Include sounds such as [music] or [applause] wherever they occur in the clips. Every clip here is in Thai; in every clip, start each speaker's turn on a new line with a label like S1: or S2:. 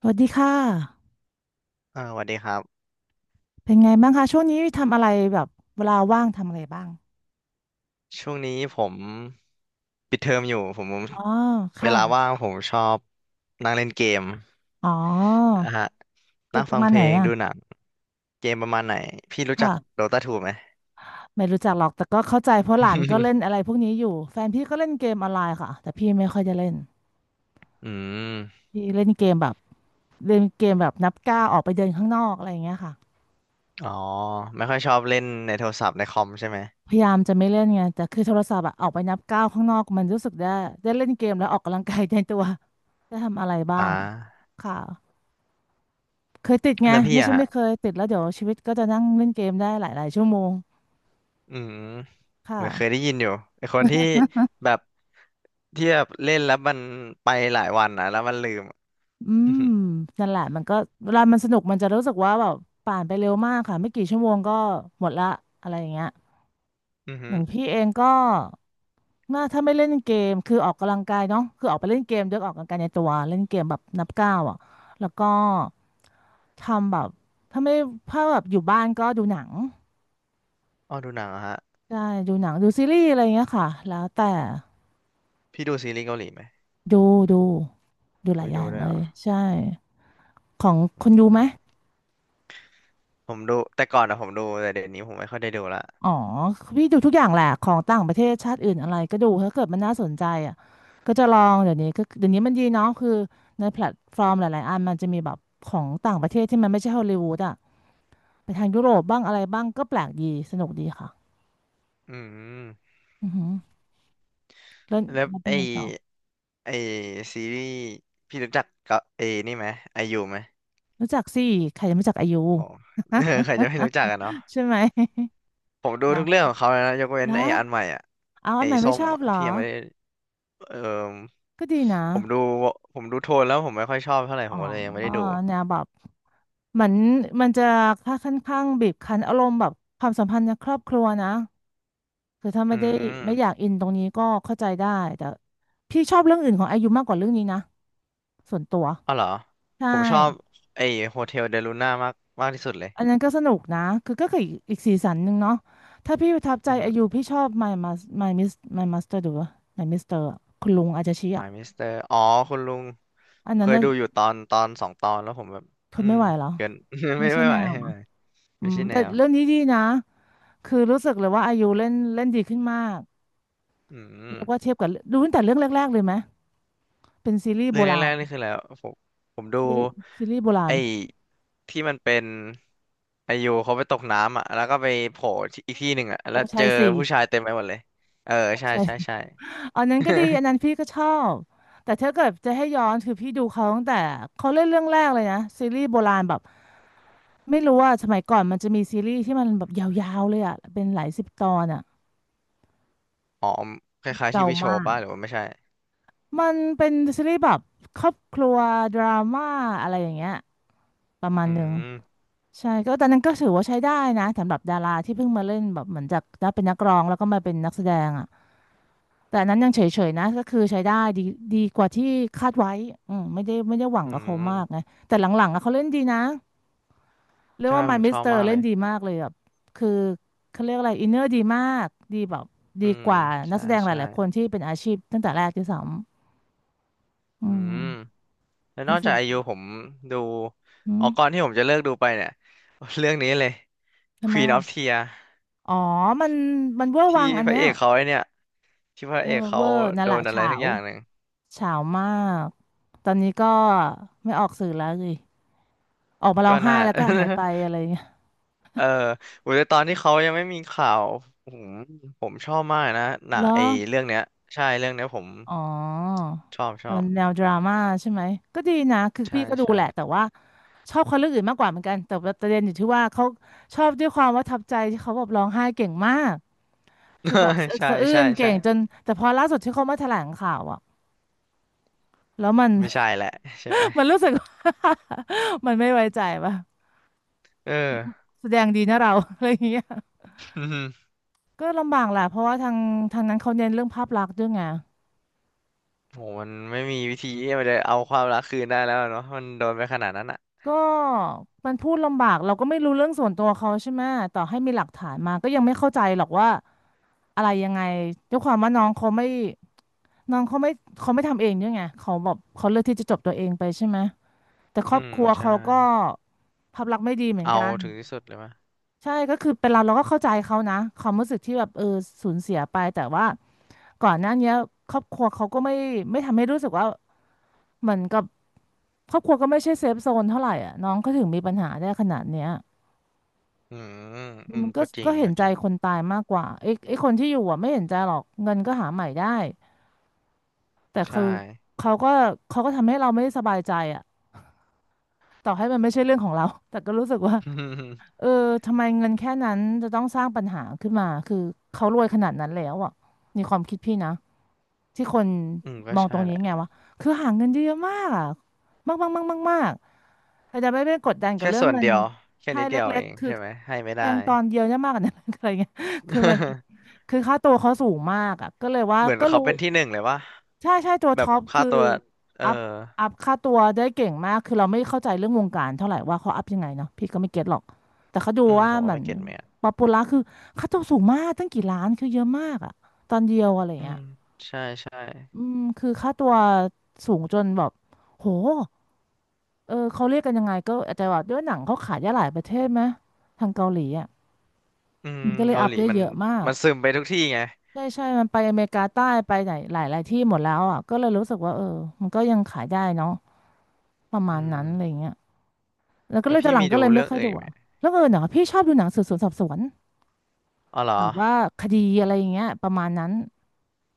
S1: สวัสดีค่ะ
S2: สวัสดีครับ
S1: เป็นไงบ้างคะช่วงนี้ทำอะไรแบบเวลาว่างทำอะไรบ้าง
S2: ช่วงนี้ผมปิดเทอมอยู่ผม
S1: อ๋อ
S2: เว
S1: ค่ะ
S2: ลาว่างผมชอบนั่งเล่นเกม
S1: อ๋อ
S2: นะฮะ
S1: เก
S2: นั่
S1: ม
S2: ง
S1: ป
S2: ฟั
S1: ระ
S2: ง
S1: มาณ
S2: เพ
S1: ไห
S2: ล
S1: น
S2: ง
S1: อ่ะ
S2: ดูหนังเกมประมาณไหนพี่รู้จักโด
S1: ค่ะ
S2: ตาทูไหม
S1: ไม่รู้จักหรอก แต่ก็เข้าใจเพราะหลานก็เล่นอะไร
S2: [laughs]
S1: พวกนี้อยู่แฟนพี่ก็เล่นเกมออนไลน์ค่ะแต่พี่ไม่ค่อยจะเล่น
S2: อืม
S1: พี่เล่นเกมแบบเล่นเกมแบบนับก้าวออกไปเดินข้างนอกอะไรอย่างเงี้ยค่ะ
S2: อ๋อไม่ค่อยชอบเล่นในโทรศัพท์ในคอมใช่ไหม
S1: พยายามจะไม่เล่นไง แต่คือโทรศัพท์อะออกไปนับก้าวข้างนอกมันรู้สึกได้ได้เล่นเกมแล้วออกกำลังกายในตัวได้ทำอะไรบ้า
S2: อ่า
S1: งค่ะ เคยติดไง
S2: แล้วพี่
S1: ไม่
S2: อะ
S1: ใช่
S2: ฮะ
S1: ไม่เคยติดแล้วเดี๋ยวชีวิตก็จะนั่งเล่นเกมได้หลายๆชั่วโมง
S2: อืม
S1: ค่ะ
S2: เหมือนเคยได้ยินอยู่ไอคนที่แบบที่แบบเล่นแล้วมันไปหลายวันนะแล้วมันลืม
S1: อื
S2: [laughs] อื
S1: มนั่นแหละมันก็เวลามันสนุกมันจะรู้สึกว่าแบบผ่านไปเร็วมากค่ะไม่กี่ชั่วโมงก็หมดละอะไรอย่างเงี้ย
S2: อ [laughs]
S1: อ
S2: ฮึ
S1: ย่างพี่เองก็น่าถ้าไม่เล่นเกมคือออกกำลังกายเนาะคือออกไปเล่นเกมเดี๋ออกกำลังกายในตัวเล่นเกมแบบนับก้าวอ่ะแล้วก็ทำแบบถ้าไม่ถ้าแบบอยู่บ้านก็ดูหนัง
S2: อ๋อดูหนังเหรอฮะ
S1: ใช่ดูหนังดูซีรีส์อะไรอย่างเงี้ยค่ะแล้วแต่
S2: พี่ดูซีรีส์เกาหลีไหม
S1: ดูดูดูห
S2: โอ้
S1: ลา
S2: ย
S1: ยอ
S2: ดู
S1: ย่าง
S2: ด้วย
S1: เล
S2: เหรอ
S1: ยใช่ของ
S2: อื
S1: คนดูไหม
S2: มผมดูแต่ก่อนอะผมดูแต่เดี๋ยวนี้ผมไม่ค่อยได้ดูละ
S1: อ๋อพี่ดูทุกอย่างแหละของต่างประเทศชาติอื่นอะไรก็ดูถ้าเกิดมันน่าสนใจอ่ะก็จะลองเดี๋ยวนี้ก็เดี๋ยวนี้มันดีเนาะคือในแพลตฟอร์มหลายๆอันมันจะมีแบบของต่างประเทศที่มันไม่ใช่ฮอลลีวูดอ่ะไปทางยุโรปบ้างอะไรบ้างก็แปลกดีสนุกดีค่ะ
S2: อืม
S1: อือหือแล้ว
S2: แล้ว
S1: แล้วเป็
S2: ไอ
S1: นไงต่อ
S2: ไอซีรีส์พี่รู้จักก็เอนี่ไหมไอยูไหม
S1: รู้จักสิใครจะไม่รู้จักอายุ
S2: โอ้โห [laughs] ใครจะไม่รู้จักอะเนาะ
S1: [laughs] ใช่ไหม
S2: ผมดู
S1: ดัง
S2: ทุก
S1: มา
S2: เรื่อง
S1: จา
S2: ข
S1: ก
S2: องเขาเลยนะยกเว้
S1: เหร
S2: น
S1: อ
S2: ไออันใหม่อะ
S1: เอา
S2: ไอ
S1: อันใหม่ไม่
S2: ส้ม
S1: ชอบ
S2: อะ
S1: เหรอ
S2: ที่ยังไม่ได้เออ
S1: ก็ดีนะ
S2: ผมดูผมดูโทนแล้วผมไม่ค่อยชอบเท่าไหร่
S1: อ๋
S2: ผ
S1: อ
S2: มก็เลยยังไม่ได้ดู
S1: เนี่ยแบบเหมือนมันจะค่าข่อนข้างบีบคั้นอารมณ์แบบความสัมพันธ์ในครอบครัวนะคือถ้า
S2: อื
S1: ไม่ได้ไม่อยาก
S2: ม
S1: อินตรงนี้ก็เข้าใจได้แต่พี่ชอบเรื่องอื่นของอายุมากกว่าเรื่องนี้นะส่วนตัว
S2: อ๋อเหรอ
S1: ใช่
S2: ผมชอบไอโฮเทลเดลูน่ามากมากที่สุดเลย
S1: อันนั้นก็สนุกนะคือก็คืออีกสีสันหนึ่งเนาะถ้าพี่ประทับใจ
S2: อื
S1: อา
S2: ม
S1: ยุพี่ชอบ My Mas My Miss My Master ดูวะ My Mister อะคุณลุงอาจจะชี้อ่ะ
S2: มายมิสเตอร์อ๋อคุณลุง
S1: อัน
S2: เค
S1: นั้น
S2: ย
S1: น่ะ
S2: ดูอยู่ตอนสองตอนแล้วผมแบบ
S1: ท
S2: อื
S1: น
S2: ม
S1: ไม่ไหวเหรอ
S2: เกิน [laughs]
S1: ไม่
S2: ไม่
S1: ใช่
S2: ไม่
S1: แน
S2: ไหว
S1: ว
S2: ไม่
S1: อะ
S2: ไหว
S1: อื
S2: ไม่
S1: ม
S2: ใช่แน
S1: แต่
S2: ว
S1: เรื่องนี้ดีนะ คือรู้สึกเลยว่าอายุเล่นเล่นดีขึ้นมาก
S2: อืม
S1: เรียกว่าเทียบกับดูตั้งแต่เรื่องแรกๆเลยไหมเป็นซีรีส์
S2: เรื่
S1: โบ
S2: อง
S1: รา
S2: แร
S1: ณ
S2: กๆนี่คือแล้วผมผมดู
S1: ซีรีส์ซีรีส์โบราณ
S2: ไอ้ที่มันเป็นไอยูเขาไปตกน้ำอ่ะแล้วก็ไปโผล่ที่อีกที่หนึ่งอ่ะ
S1: อ
S2: แล้ว
S1: งค์
S2: เจ
S1: ชาย
S2: อ
S1: สี่
S2: ผู้ชายเต็มไปหมดเลยเออ
S1: องค์
S2: ใช่
S1: ชาย
S2: ใช่ใช่
S1: [laughs] อันนั้นก็ดีอันนั้น
S2: [laughs]
S1: พี่ก็ชอบแต่ถ้าเกิดจะให้ย้อนคือพี่ดูเขาตั้งแต่เขาเล่นเรื่องแรกเลยนะซีรีส์โบราณแบบไม่รู้ว่าสมัยก่อนมันจะมีซีรีส์ที่มันแบบยาวๆเลยอ่ะเป็นหลายสิบตอนอ่ะ
S2: อ๋อคล้ายๆที่
S1: เก่า
S2: วิโช
S1: มา
S2: ว์
S1: ก
S2: ป่ะหรือว่าไม่ใช่
S1: มันเป็นซีรีส์แบบครอบครัวดราม่าอะไรอย่างเงี้ยประมาณ
S2: อื
S1: หนึ่ง
S2: ม
S1: ใช่ก็ตอนนั้นก็ถือว่าใช้ได้นะสำหรับดาราที่เพิ่งมาเล่นแบบเหมือนจากได้เป็นนักร้องแล้วก็มาเป็นนักแสดงอ่ะแต่อันนั้นยังเฉยๆนะก็คือใช้ได้ดีดีกว่าที่คาดไว้อืมไม่ได้หวัง
S2: อื
S1: กับเขามากไง
S2: ม
S1: แต่หลังๆอ่ะเขาเล่นดีนะเรียก
S2: ใช่
S1: ว่า
S2: ผ
S1: My
S2: มชอบ
S1: Mister
S2: มาก
S1: เล่
S2: เล
S1: น
S2: ย
S1: ดีมากเลยแบบคือเขาเรียกอะไรอินเนอร์ดีมากดีแบบดี
S2: อืม
S1: กว่านัก
S2: ใช่
S1: แสดงห
S2: ใช่
S1: ลายๆคนที่เป็นอาชีพตั้งแต่แรกที่สองอื
S2: อื
S1: ม
S2: ม แล้วน
S1: ทั้ง
S2: อก
S1: เสร็
S2: จาก
S1: จ
S2: ไอยูผมดู
S1: อื
S2: ออ
S1: ม
S2: กก่อนที่ผมจะเลิกดูไปเนี่ย [laughs] เรื่องนี้เลย
S1: ทำไม
S2: Queen
S1: อ่ะ
S2: of Tears
S1: อ๋อมันมันเวอร์
S2: ที่
S1: วังอัน
S2: พระ
S1: เนี้ย
S2: เอกเขาไอเนี่ยที่พระ
S1: เออ
S2: เอก
S1: เว
S2: เขา
S1: อร์นั่น
S2: โด
S1: แหละ
S2: นอะไร
S1: เฉา
S2: สักอย่างหนึ่ง
S1: เฉาวมากตอนนี้ก็ไม่ออกสื่อแล้วสิออกมาร้อ
S2: ก็
S1: งไห้
S2: น่า
S1: แล้วก็หาย
S2: [laughs]
S1: ไปอะไรเงี้ย
S2: เออโอ้ยแต่ตอนที่เขายังไม่มีข่าวผมผมชอบมากนะหนั
S1: เหร
S2: ง
S1: อ
S2: ไอเรื่องเนี้ยใช่เรื่องเนี้ยผม
S1: อ๋อ
S2: ชอบช
S1: ตอ
S2: อ
S1: น
S2: บ
S1: แนวดราม่าใช่ไหมก็ดีนะคือ
S2: ใช่
S1: พี่ก็ดู
S2: ใช่
S1: แหละแต่ว่าชอบคนเรื่องอื่นมากกว่าเหมือนกันแต่ประเด็นอยู่ที่ว่าเขาชอบด้วยความว่าทับใจที่เขาแบบร้องไห้เก่งมากคือแบบสะ
S2: [laughs]
S1: อึก
S2: ใช่
S1: สะอื้
S2: ใช่
S1: นเก่
S2: ใช่
S1: งจนแต่พอล่าสุดที่เขามาแถลงข่าวอ่ะแล้วมัน
S2: ไม่ใช่แหละใช่ไหม
S1: [laughs] มันรู้สึกว่า [laughs] มันไม่ไว้ใจป่ะ
S2: เออ
S1: แสดงดีนะเรา [laughs] อะไรอย่างเงี้ย
S2: [laughs]
S1: ก็ลำบากแหละเพราะว่าทางนั้นเขาเน้นเรื่องภาพลักษณ์ด้วยไง
S2: โหมันไม่มีวิธีที่มันจะเอาความรักคืนได้แล้วเนาะมันโดนไปขนาดนั้นอ่ะ
S1: ก็มันพูดลำบากเราก็ไม่รู้เรื่องส่วนตัวเขาใช่ไหมต่อให้มีหลักฐานมาก็ยังไม่เข้าใจหรอกว่าอะไรยังไงด้วยความว่าน้องเขาไม่น้องเขาไม่เขาไม่ทำเองด้วยไงเขาแบบเขาเลือกที่จะจบตัวเองไปใช่ไหมแต่คร
S2: อื
S1: อบ
S2: ม
S1: ครัว
S2: ใช่
S1: เขาก็ภาพลักษณ์ไม่ดีเหมือน
S2: เอา
S1: กัน
S2: ถึงที่สุดเลยมะ
S1: ใช่ก็คือเป็นเราก็เข้าใจเขานะความรู้สึกที่แบบเออสูญเสียไปแต่ว่าก่อนหน้าเนี้ยครอบครัวเขาก็ไม่ทำให้รู้สึกว่าเหมือนกับ ครอบครัวก็ไม่ใช่เซฟโซนเท่าไหร่อ่ะน้องก็ถึงมีปัญหาได้ขนาดเนี้ย
S2: อืมอื
S1: มั
S2: ม
S1: นก็
S2: ก็จริ
S1: ก็
S2: ง
S1: เห็
S2: ก็
S1: น
S2: จ
S1: ใจ
S2: ริง
S1: คนตายมากกว่าไอ้คนที่อยู่อ่ะไม่เห็นใจหรอกเงินก็หาใหม่ได้แต่
S2: ใช่
S1: คือเขาก็เขาก็ทำให้เราไม่สบายใจอ่ะต่อให้มันไม่ใช่เรื่องของเราแต่ก็รู้สึกว่า
S2: [laughs] อืม
S1: เออทำไมเงินแค่นั้นจะต้องสร้างปัญหาขึ้นมาคือเขารวยขนาดนั้นแล้วอ่ะในความคิดพี่นะที่คน
S2: อืมก็
S1: มองต
S2: ใช่
S1: รง
S2: แห
S1: นี้
S2: ละ
S1: ไงวะคือหาเงินได้เยอะมากอ่ะมากมากมากมากมากแต่จะไม่ไปกดดันกับ
S2: แค่
S1: เรื่อง
S2: ส่วน
S1: เงิน
S2: เดียวแค่
S1: ให้
S2: นิดเดียว
S1: เล็
S2: เอ
S1: ก
S2: ง
S1: ๆคือ
S2: ใช่ไหมให้ไม่
S1: แด
S2: ได้
S1: งตอนเดียวเนี่ยมากกว่านั้น [laughs] อะไรเงี้ยคือมัน
S2: [laughs]
S1: คือค่าตัวเขาสูงมากอ่ะก็เลยว่า
S2: เหมือน
S1: ก็
S2: เขา
S1: รู้
S2: เป็นที่หนึ่งเลยวะ
S1: ใช่ใช่ตัว
S2: แบบ
S1: ท็อป
S2: ค่า
S1: คือ
S2: ตัวเออ
S1: อัพค่าตัวได้เก่งมากคือเราไม่เข้าใจเรื่องวงการเท่าไหร่ว่าเขาอัพยังไงเนาะพี่ก็ไม่เก็ตหรอกแต่เขาดู
S2: อืม
S1: ว่า
S2: ผม
S1: เห
S2: ว่า
S1: มือ
S2: ไม่
S1: น
S2: เก็ตแมน
S1: ป๊อปปูล่าคือค่าตัวสูงมากตั้งกี่ล้านคือเยอะมากอะตอนเดียวอะไร
S2: อื
S1: เงี้
S2: ม
S1: ย
S2: ใช่ใช่
S1: อืมคือค่าตัวสูงจนแบบโหเออเขาเรียกกันยังไงก็อาจจะแบบด้วยหนังเขาขายได้หลายประเทศไหมทางเกาหลีอ่ะ
S2: อืม
S1: มันก็เลย
S2: เกา
S1: อั
S2: ห
S1: พ
S2: ลี
S1: ได้
S2: มัน
S1: เยอะมาก
S2: มันซึมไปทุกที่ไง
S1: ใช่ใช่ มันไปอเมริกาใต้ไปไหนหลายที่หมดแล้วอ่ะก็เลยรู้สึกว่าเออมันก็ยังขายได้เนาะประมา
S2: อื
S1: ณนั้
S2: ม
S1: นอะไรเงี้ยแล้วก็
S2: แล้
S1: เล
S2: ว
S1: ยตอ
S2: พี่
S1: นหลัง
S2: มี
S1: ก็
S2: ดู
S1: เลยไม่
S2: เรื่อง
S1: ค่อย
S2: อื่น
S1: ดู
S2: อีกไหม
S1: อะแล้วเออเนาะพี่ชอบดูหนังสืบสวนสอบสวน
S2: อ๋อเหรอ
S1: แบบว่าคดีอะไรอย่างเงี้ยประมาณนั้น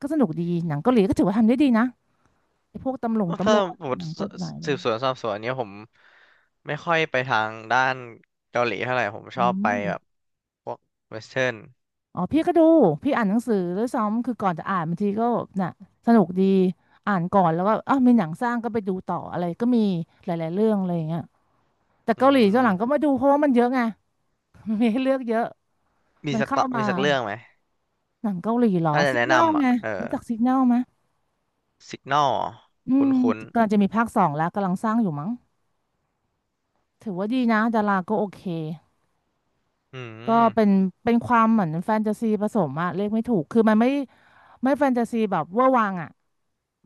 S1: ก็สนุกดีหนังเกาหลีก็ถือว่าทำได้ดีนะไอ้พวกตำรวจตำ
S2: ถ้า
S1: รวจ
S2: ผม
S1: หนั
S2: ติ
S1: งกฎหมายอะไร
S2: สืบ
S1: เงี้
S2: ส
S1: ย
S2: วนสอบสวนเนี้ยผมไม่ค่อยไปทางด้านเกาหลีเท่าไหร่ผม
S1: อื
S2: ชอบไป
S1: ม
S2: แบบพวกเวสเทิร์น
S1: อ๋อพี่ก็ดูพี่อ่านหนังสือด้วยซ้ำคือก่อนจะอ่านบางทีก็น่ะสนุกดีอ่านก่อนแล้วก็อ้าวมีหนังสร้างก็ไปดูต่ออะไรก็มีหลายๆเรื่องอะไรอย่างเงี้ย แต่
S2: อื
S1: เกาหลีตอนหลังก็ไม่
S2: ม
S1: ดูเพราะว่ามันเยอะไง [laughs] มันมีให้เลือกเยอะ
S2: มี
S1: มัน
S2: สัก
S1: เข้า
S2: ต่อมี
S1: มา
S2: สักเรื่องไหม
S1: หนังเกาหลีเหรอ
S2: ถ้าจะ
S1: สิก
S2: แนะ
S1: แนล
S2: นำอ่ะ
S1: ไง
S2: เออ
S1: รู้จักสิกแนลไหม
S2: สิกนอล
S1: อื
S2: คุ้
S1: ม
S2: นคุ้น
S1: กำลังจะมีภาคสองแล้วกำลังสร้างอยู่มั้งถือว่าดีนะดาราก็โอเค
S2: ๆอื
S1: ก็
S2: ม
S1: เป็นเป็นความเหมือนแฟนตาซีผสมอะเรียกไม่ถูกคือมันไม่แฟนตาซีแบบเวอร์วังอะ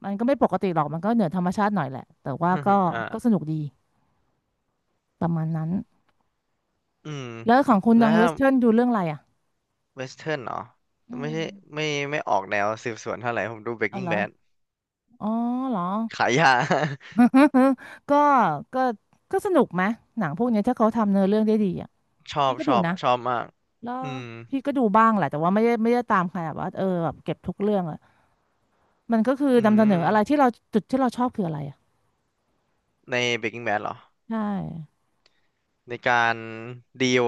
S1: มันก็ไม่ปกติหรอกมันก็เหนือธรรมชาติหน่อยแหละแต่ว่าก็
S2: [laughs] อ่า
S1: ก็สนุกดีประมาณนั้น
S2: อืม
S1: แล้วของคุณ
S2: แล้
S1: ดั
S2: ว
S1: งเว
S2: ถ้า
S1: สเทิร์นดูเรื่องอะไรอะ
S2: เวสเทิร์นเหรอ
S1: อื
S2: ไม่
S1: ม
S2: ใช่ไม่ไม่ออกแนวสืบสวนเท่าไหร่ผมดู
S1: อ๋อ
S2: Breaking
S1: เหรอ
S2: Bad
S1: อ๋อเหรอ
S2: ขายยา
S1: [laughs] ก็ก็ก็สนุกไหมหนังพวกเนี้ยถ้าเขาทำเนื้อเรื่องได้ดีอ่ะ
S2: [laughs] ชอ
S1: พี่
S2: บ
S1: ก็
S2: ช
S1: ดู
S2: อบ
S1: นะ
S2: ชอบมาก
S1: แล้ว
S2: อืม
S1: พี่ก็ดูบ้างแหละแต่ว่าไม่ได้ตามขนาดว่าเออแบบเก็บทุกเรื่องอ่ะมันก็คือ
S2: อื
S1: นำเสนออะไร
S2: ม
S1: ที่เราจุดที่เราชอบคืออะไรอ่ะ
S2: ใน Breaking Bad เหรอ
S1: ใช่
S2: ในการดีล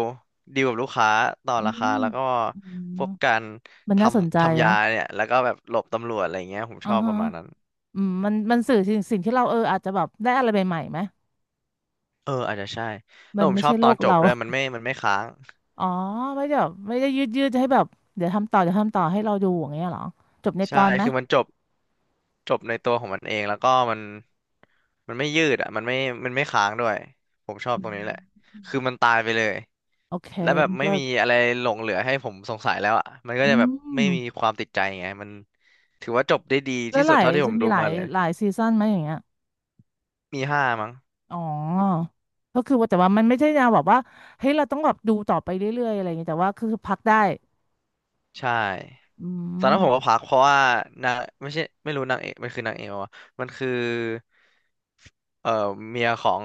S2: ดีลกับลูกค้าต่อ
S1: อื
S2: ราคา
S1: ม
S2: แล้วก็
S1: อื
S2: พ
S1: ม
S2: วกการ
S1: มัน
S2: ท
S1: น่าสนใจ
S2: ำทำยา
S1: อ่ะ
S2: เนี่ยแล้วก็แบบหลบตำรวจอะไรเงี้ยผม
S1: อ่า
S2: ชอบป
S1: ฮะ
S2: ระมาณนั้น
S1: อืมมันสื่อสิ่งที่เราเอออาจจะแบบได้อะไรใหม่ๆไหม
S2: เอออาจจะใช่แล้
S1: มั
S2: ว
S1: น
S2: ผม
S1: ไม่
S2: ชอ
S1: ใช่
S2: บต
S1: โล
S2: อน
S1: ก
S2: จบ
S1: เรา
S2: ด้วยมันไม่
S1: [laughs]
S2: มันไม่ค้าง
S1: อ๋อไม่ได้แบบไม่ได้ยืดให้แบบเดี๋ยวทำต่อเดี๋ยวทำต่อให้เราดูอย่างเงี้ยเหรอจบในต
S2: ใช่
S1: อนไหม
S2: คือมันจบจบในตัวของมันเองแล้วก็มันไม่ยืดอ่ะมันไม่ค้างด้วยผมชอบ
S1: อื
S2: ตรงนี้
S1: ม
S2: แหละคือมันตายไปเลย
S1: โอเค
S2: แล้วแบบไม่มีอะไรหลงเหลือให้ผมสงสัยแล้วอ่ะมันก็
S1: อื
S2: จะแบบ
S1: ม
S2: ไม่มีความติดใจไงมันถือว่าจบได้ดี
S1: แล้ว
S2: ที่
S1: ห
S2: สุด
S1: ลาย
S2: เท่าที่ผ
S1: จะ
S2: ม
S1: มี
S2: ดู
S1: หลา
S2: มา
S1: ย
S2: เลย
S1: หลายซีซันไหมอย่างเงี้ย
S2: มีห้ามั้ง
S1: อ๋อก็คือว่าแต่ว่ามันไม่ใช่แนวแบบว่าเฮ้ยเราต้องแบบดูต่อไปเรื่อยๆอะไรอย่างเงี้ยแต่ว่าคือพักได้
S2: ใช่
S1: อื
S2: ตอน
S1: ม
S2: นั้นผมก็พักเพราะว่านางไม่ใช่ไม่รู้นางเอกมันคือนางเอกวะมันคือเอ่อเมียของ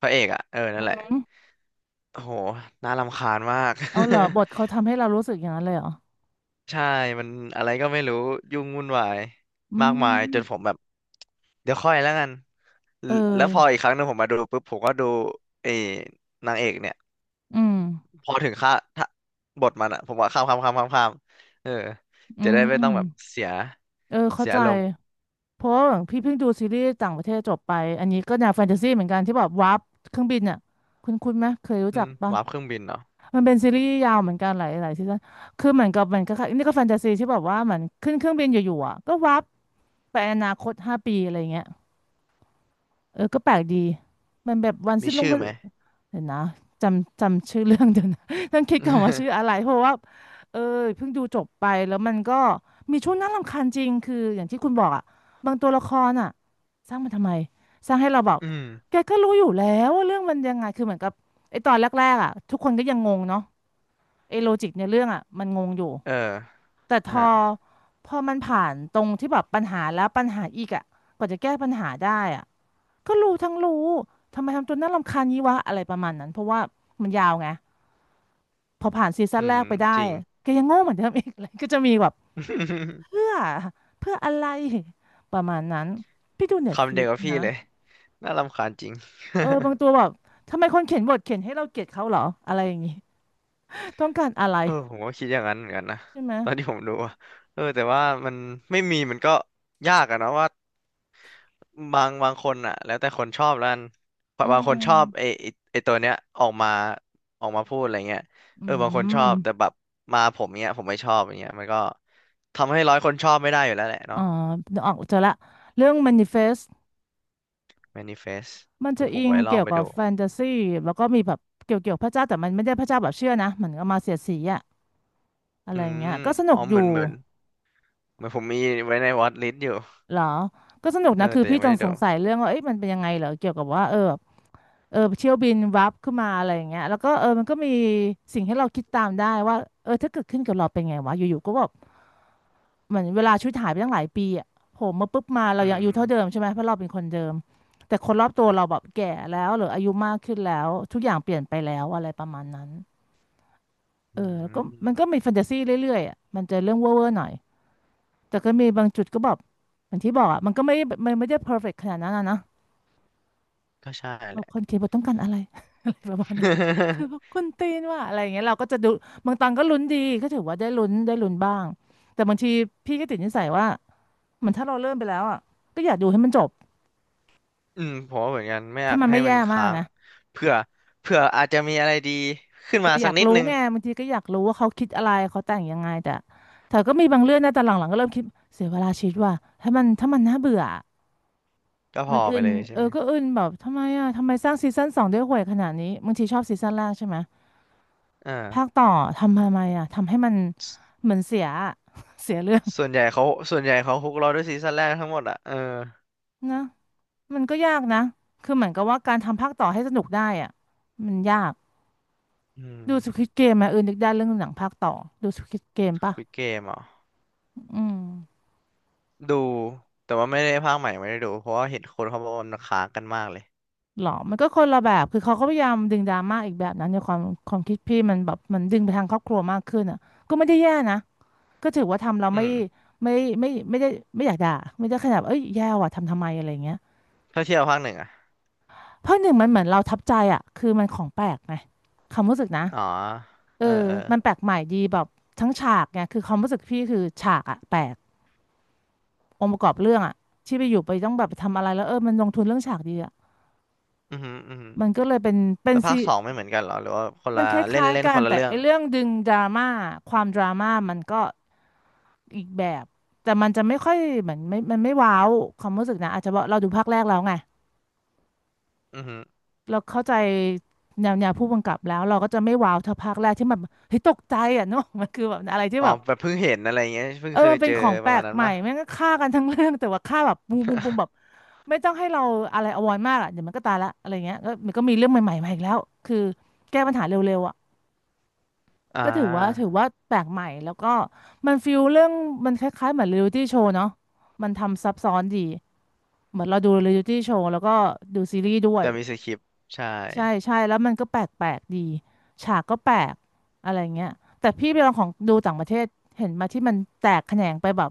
S2: พระเอกอ่ะเออนั่นแหละโอ้โหน่ารำคาญมาก
S1: เอาเหรอบทเขา
S2: [laughs]
S1: ทำให้เรารู้สึกอย่างนั้นเลยเหรอ
S2: ใช่มันอะไรก็ไม่รู้ยุ่งวุ่นวาย
S1: อื
S2: มากมายจนผ
S1: ม
S2: มแบบเดี๋ยวค่อยแล้วกัน
S1: เอ
S2: แล้วพออี
S1: อ
S2: กครั้งหนึงผมมาดูปุ๊บผมก็ดูเออนางเอกเนี่ย
S1: อืม
S2: พอถึงค่าถ้าบทมันอะผมว่าข้ามเออ
S1: อื
S2: จะได้ไม่ต้
S1: ม
S2: องแบบเสีย
S1: เออเข้า
S2: เสีย
S1: ใจ
S2: อารมณ์
S1: เพราะว่าพี่เพิ่งดูซีรีส์ต่างประเทศจบไปอันนี้ก็แนวแฟนตาซีเหมือนกันที่แบบวาร์ปเครื่องบินอ่ะคุณไหมเคยรู้
S2: อื
S1: จัก
S2: ม
S1: ปะ
S2: วาร์ปเครื่องบินเนาะ
S1: มันเป็นซีรีส์ยาวเหมือนกันหลายซีซั่นคือเหมือนกับนี่ก็แฟนตาซีที่แบบว่าเหมือนขึ้นเครื่องบินอยู่ๆอ่ะก็วับไปอนาคต5 ปีอะไรเงี้ยเออก็แปลกดีมันแบบวัน
S2: มี
S1: สิ้นโลก
S2: ชื่อไหม
S1: เห็นนะจำชื่อเรื่องเดี๋ยวนะ [laughs] ต้องคิดก่อนว่าชื่ออะไร
S2: [laughs]
S1: เพราะว่าเออเพิ่งดูจบไปแล้วมันก็มีช่วงน่ารำคาญจริงคืออย่างที่คุณบอกอ่ะบางตัวละครอ่ะสร้างมันทำไมสร้างให้เราแบบ
S2: อืม
S1: แกก็รู้อยู่แล้วว่าเรื่องมันยังไงคือเหมือนกับไอ้ตอนแรกๆอ่ะทุกคนก็ยังงงเนาะ ไอ้โลจิกในเรื่องอ่ะมันงงอยู่
S2: เออ
S1: แต่พ
S2: อ่ะ
S1: อ
S2: ฮะ
S1: พอมันผ่านตรงที่แบบปัญหาแล้วปัญหาอีกอ่ะกว่าจะแก้ปัญหาได้อ่ะก็รู้ทั้งรู้ทำไมทำตัวน่ารำคาญงี้วะอะไรประมาณนั้นเพราะว่ามันยาวไงพอผ่านซีซั่
S2: อื
S1: นแร
S2: ม
S1: กไปได้
S2: จริง [laughs]
S1: แกยังโง่เหมือนเดิมอีก [laughs] เลยก็จะมีแบบเพื่อเพื่ออะไรประมาณนั้นพี่ดูเน็ตฟ
S2: คำ
S1: ลิ
S2: เดีย
S1: ก
S2: วกับพี่
S1: นะ
S2: เลย น่ารำคาญจริง [laughs]
S1: เออบางตัวแบบทำไมคนเขียนบทเขียนให้เราเกลียดเขาเหรออะไรอย่างงี้ [laughs] ต้องการอะไร
S2: เออผมก็คิดอย่างนั้นเหมือนกันนะ
S1: ใช่ไหม
S2: ตอนที่ผมดูอะเออแต่ว่ามันไม่มีมันก็ยากอะเนาะว่า บางคนอ่ะแล้วแต่คนชอบแล้วกัน
S1: อื
S2: บางคนชอบไอ
S1: ม
S2: ไอ้ไอตัวเนี้ยออกมาออกมาพูดอะไรเงี้ย
S1: อื
S2: เออบางคนชอบแต่
S1: ม
S2: แบบมาผมเนี้ยผมไม่ชอบอย่างเงี้ยมันก็ทำให้ร้อยคนชอบไม่ได้อยู่แล้วแหละ
S1: อ๋อ
S2: เนาะ
S1: ออกเจอละเรื่อง Manifest
S2: manifest
S1: มัน
S2: เดี๋
S1: จะ
S2: ยวผ
S1: อิ
S2: ม
S1: ง
S2: ไว้ลอ
S1: เกี่
S2: ง
S1: ยว
S2: ไป
S1: กับ
S2: ดู
S1: แฟนตาซีแล้วก็มีแบบเกี่ยวเกี่ยวพระเจ้าแต่มันไม่ได้พระเจ้าแบบเชื่อนะเหมือนก็มาเสียดสีอะอะไร
S2: อื
S1: อย่างเงี้
S2: ม
S1: ยก็สนุ
S2: อ๋
S1: ก
S2: อ
S1: อ
S2: เห
S1: ยู่
S2: มือนเหมือนเหมือนผมมีไว้ในวอตลิสต์อยู่
S1: เหรอก็สนุก
S2: เออ
S1: นะคือ
S2: แต่ยั
S1: พี่
S2: งไม่
S1: ต้อง
S2: ได้
S1: ส
S2: ดู
S1: งสัยเรื่องว่าเอ๊ะมันเป็นยังไงเหรอเกี่ยวกับว่าเออแบบเออเที่ยวบินวับขึ้นมาอะไรอย่างเงี้ยแล้วก็เออมันก็มีสิ่งให้เราคิดตามได้ว่าเออถ้าเกิดขึ้นกับเราเป็นไงวะอยู่ๆก็แบบ เหมือนเวลาชุดหายไปตั้งหลายปีอ่ะโหมาปุ๊บมาเรา
S2: อื
S1: ยังอา
S2: ม
S1: ยุเท่าเดิมใช่ไหมเพราะเราเป็นคนเดิมแต่คนรอบตัวเราแบบแก่แล้วหรืออายุมากขึ้นแล้วทุกอย่างเปลี่ยนไปแล้วอะไรประมาณนั้นเออ
S2: อื
S1: แล้วก็มันก็
S2: ม
S1: มีแฟนตาซีเรื่อยๆอ่ะมันจะเรื่องเว่อร์ๆหน่อยแต่ก็มีบางจุดก็แบบอย่างที่บอกอ่ะมันก็ไม่มันไม่ได้เพอร์เฟกต์ขนาดนั้นอะนะ
S2: ก็ใช่
S1: แบ
S2: แห
S1: บ
S2: ละ
S1: คนเขียนบทต้องการอะไร [laughs] อะไรประมาณนั้นคือแบบ
S2: [laughs]
S1: คุณตีนว่าอะไรอย่างเงี้ยเราก็จะดูบางตอนก็ลุ้นดีก็ถือว่าได้ลุ้นบ้างแต่บางทีพี่ก็ติดนิสัยว่า เหมือนถ้าเราเริ่มไปแล้วอ่ะก็อยากดูให้มันจบ
S2: อืมผมว่าเหมือนกันไม่อ
S1: ถ้า
S2: ยาก
S1: มัน
S2: ให้
S1: ไม่
S2: มั
S1: แย่
S2: น
S1: มาก
S2: ค้าง
S1: นะ
S2: เผื่อเผื่ออาจจะมีอะไรดีขึ้น
S1: เออ
S2: มา
S1: อ
S2: สัก
S1: ยาก
S2: นิด
S1: รู้
S2: นึง
S1: ไงบางทีก็อยากรู้ว่าเขาคิดอะไรเขาแต่งยังไงแต่แต่ก็มีบางเรื่องนะแต่หลังๆก็เริ่มคิดเสียเวลาชีวิตว่ะถ้ามันน่าเบื่อ
S2: ก็พ
S1: มัน
S2: อ
S1: อึ
S2: ไป
S1: น
S2: เลยใช่
S1: เออ
S2: ไหม
S1: ก็อึนแบบทำไมอ่ะทำไมสร้างซีซั่นสองได้ห่วยขนาดนี้บางทีชอบซีซั่นแรกใช่ไหม
S2: อ่า
S1: ภาคต่อทำไมอ่ะทำให้มัน
S2: ส
S1: เหมือนเสียอะ [laughs] เสียเรื่อง
S2: ส่วนใหญ่เขาส่วนใหญ่เขาฮุกเราด้วยซีซั่นแรกทั้งหมดอ่ะเออ
S1: นะมันก็ยากนะคือเหมือนกับว่าการทำภาคต่อให้สนุกได้อ่ะมันยาก
S2: อืม
S1: ดูสควิดเกมไหมเออนึกได้เรื่องหนังภาคต่อดูสควิดเกมป่ะ
S2: คุยเกมเหรอ่
S1: อืม
S2: ดูแต่ว่าไม่ได้ภาคใหม่ไม่ได้ดูเพราะว่าเห็นคนเขาบอกว่ามันค้างกันมากเลย
S1: หรอมันก็คนละแบบคือเขาก็พยายามดึงดราม่าอีกแบบนั้นในความความคิดพี่มันแบบมันดึงไปทางครอบครัวมากขึ้นอ่ะก็ไม่ได้แย่นะก็ถือว่าทำเรา
S2: อื
S1: ไม่
S2: ม
S1: ไม่ไม่ได้ไม่อยากด่าไม่ได้ขนาดเอ้ยแย่ว่ะทำไมอะไร่เงี้ย
S2: ถ้าเทียบกับภาคหนึ่งอ่ะ
S1: เพราะหนึ่งมันเหมือนเราทับใจอ่ะคือมันของแปลกไงความรู้สึกนะ
S2: อ๋อ
S1: เอ
S2: เออ
S1: อ
S2: เออ
S1: มันแปลกใหม่ดีแบบทั้งฉากไงคือความรู้สึกพี่คือฉากอ่ะแปลกองค์ประกอบเรื่องอ่ะที่ไปอยู่ไปต้องแบบทำอะไรแล้วเออมันลงทุนเรื่องฉากดีอะ
S2: อือหืออือหือ
S1: มันก็เลยเป็นเป็น
S2: แล้วภา
S1: ซี
S2: คสองไม่เหมือนกันเหรอหรือว่าคน
S1: มั
S2: ละ
S1: นคล
S2: เล่น
S1: ้าย
S2: เล่
S1: ๆ
S2: น
S1: กั
S2: ค
S1: น
S2: นละ
S1: แต่
S2: เรื่อง
S1: ไอ้เรื่องดึงดราม่าความดราม่ามันก็อีกแบบแต่มันจะไม่ค่อยเหมือนไม่มันไม่ว้าวความรู้สึกนะอาจจะเพราะเราดูภาคแรกแล้วไง
S2: อือหือ
S1: เราเข้าใจแนวแนวผู้กำกับแล้วเราก็จะไม่ว้าวเท่าภาคแรกที่มันเฮ้ยตกใจอ่ะเนกอะมันคือแบบอะไรที่
S2: อ๋อ
S1: แบบ
S2: แบบเพิ่งเห็นอะไรเงี้ยเพิ่
S1: เอ
S2: ง
S1: อ
S2: เคย
S1: มันเป็
S2: เจ
S1: น
S2: อ
S1: ของแป
S2: ประ
S1: ล
S2: มาณ
S1: ก
S2: นั้น
S1: ใหม่
S2: ปะ
S1: แม่งก็ฆ่ากันทั้งเรื่องแต่ว่าฆ่าแบบปุ้งปุ้งปุ้งแบบไม่ต้องให้เราอะไรอวอยมากอ่ะเดี๋ยวมันก็ตายละอะไรเงี้ยก็มันก็มีเรื่องใหม่ๆมาอีกแล้วคือแก้ปัญหาเร็วๆอ่ะ
S2: อ่
S1: ก็ถือว่า
S2: า
S1: แปลกใหม่แล้วก็มันฟิลเรื่องมันคล้ายๆเหมือนเรียลิตี้โชว์เนาะมันทำซับซ้อนดีเหมือนเราดูเรียลิตี้โชว์แล้วก็ดูซีรีส์ด้วย
S2: แต่มีสคริปต์ใช่
S1: ใช่แล้วมันก็แปลกๆดีฉากก็แปลกอะไรเงี้ยแต่พี่ไปลองของดูต่างประเทศเห็นมาที่มันแตกแขนงไปแบบ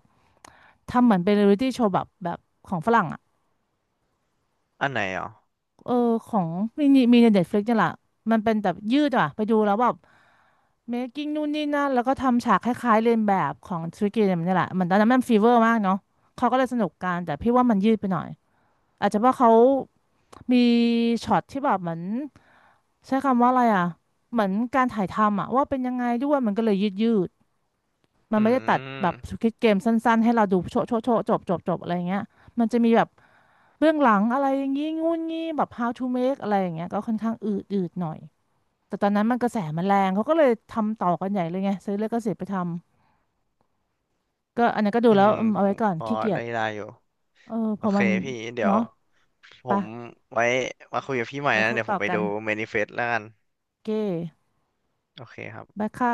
S1: ทำเหมือนเป็นเรียลิตี้โชว์แบบของฝรั่งอ่ะ
S2: อันไหนอ๋อ
S1: เออของมีมีในเน็ตฟลิกนี่แหละมันเป็นแบบยืดอ่ะไปดูแล้วแบบ เมคกิ้งนู่นนี่นั่นแล้วก็ทำฉากคล้ายๆเลียนแบบของสควิดเกมนี่แหละมันตอนนั้นมันฟีเวอร์มากเนาะเขาก็เลยสนุกกันแต่พี่ว่ามันยืดไปหน่อยอาจจะเพราะเขามีช็อตที่แบบเหมือนใช้คำว่าอะไรอ่ะเหมือนการถ่ายทำอ่ะว่าเป็นยังไงด้วยมันก็เลยยืดมัน
S2: อื
S1: ไม่ได้ตัดแบบ
S2: ม
S1: สควิดเกมสั้นๆให้เราดูโชะโชะโชะจบอะไรอย่างเงี้ยมันจะมีแบบเบื้องหลังอะไรอย่างงี้งุ่นงี้แบบ how to make อะไรอย่างเงี้ยก็ค่อนข้างอืดหน่อยแต่ตอนนั้นมันกระแสมันแรงเขาก็เลยทำต่อกันใหญ่เลยไงซื้อเลยก็เสียไปทำ ก็อันนั้นก็ดู
S2: อื
S1: แล้ว
S2: ม
S1: อืมเอา
S2: ผ
S1: ไว้
S2: ม
S1: ก่อน
S2: พอ
S1: ขี้เกีย
S2: ได้
S1: จ
S2: ได้อยู่
S1: เออ
S2: โอ
S1: พอ
S2: เค
S1: มัน
S2: พี่เดี๋ยว
S1: เนาะ
S2: ผ
S1: ปะ
S2: มไว้มาคุยกับพี่ใหม่
S1: แล้ว
S2: นะ
S1: ค่อย
S2: เดี๋ยว
S1: ต่
S2: ผ
S1: อ
S2: มไป
S1: กัน
S2: ดูเมนิเฟสแล้วกัน
S1: โอเค
S2: โอเคครับ
S1: บายค่ะ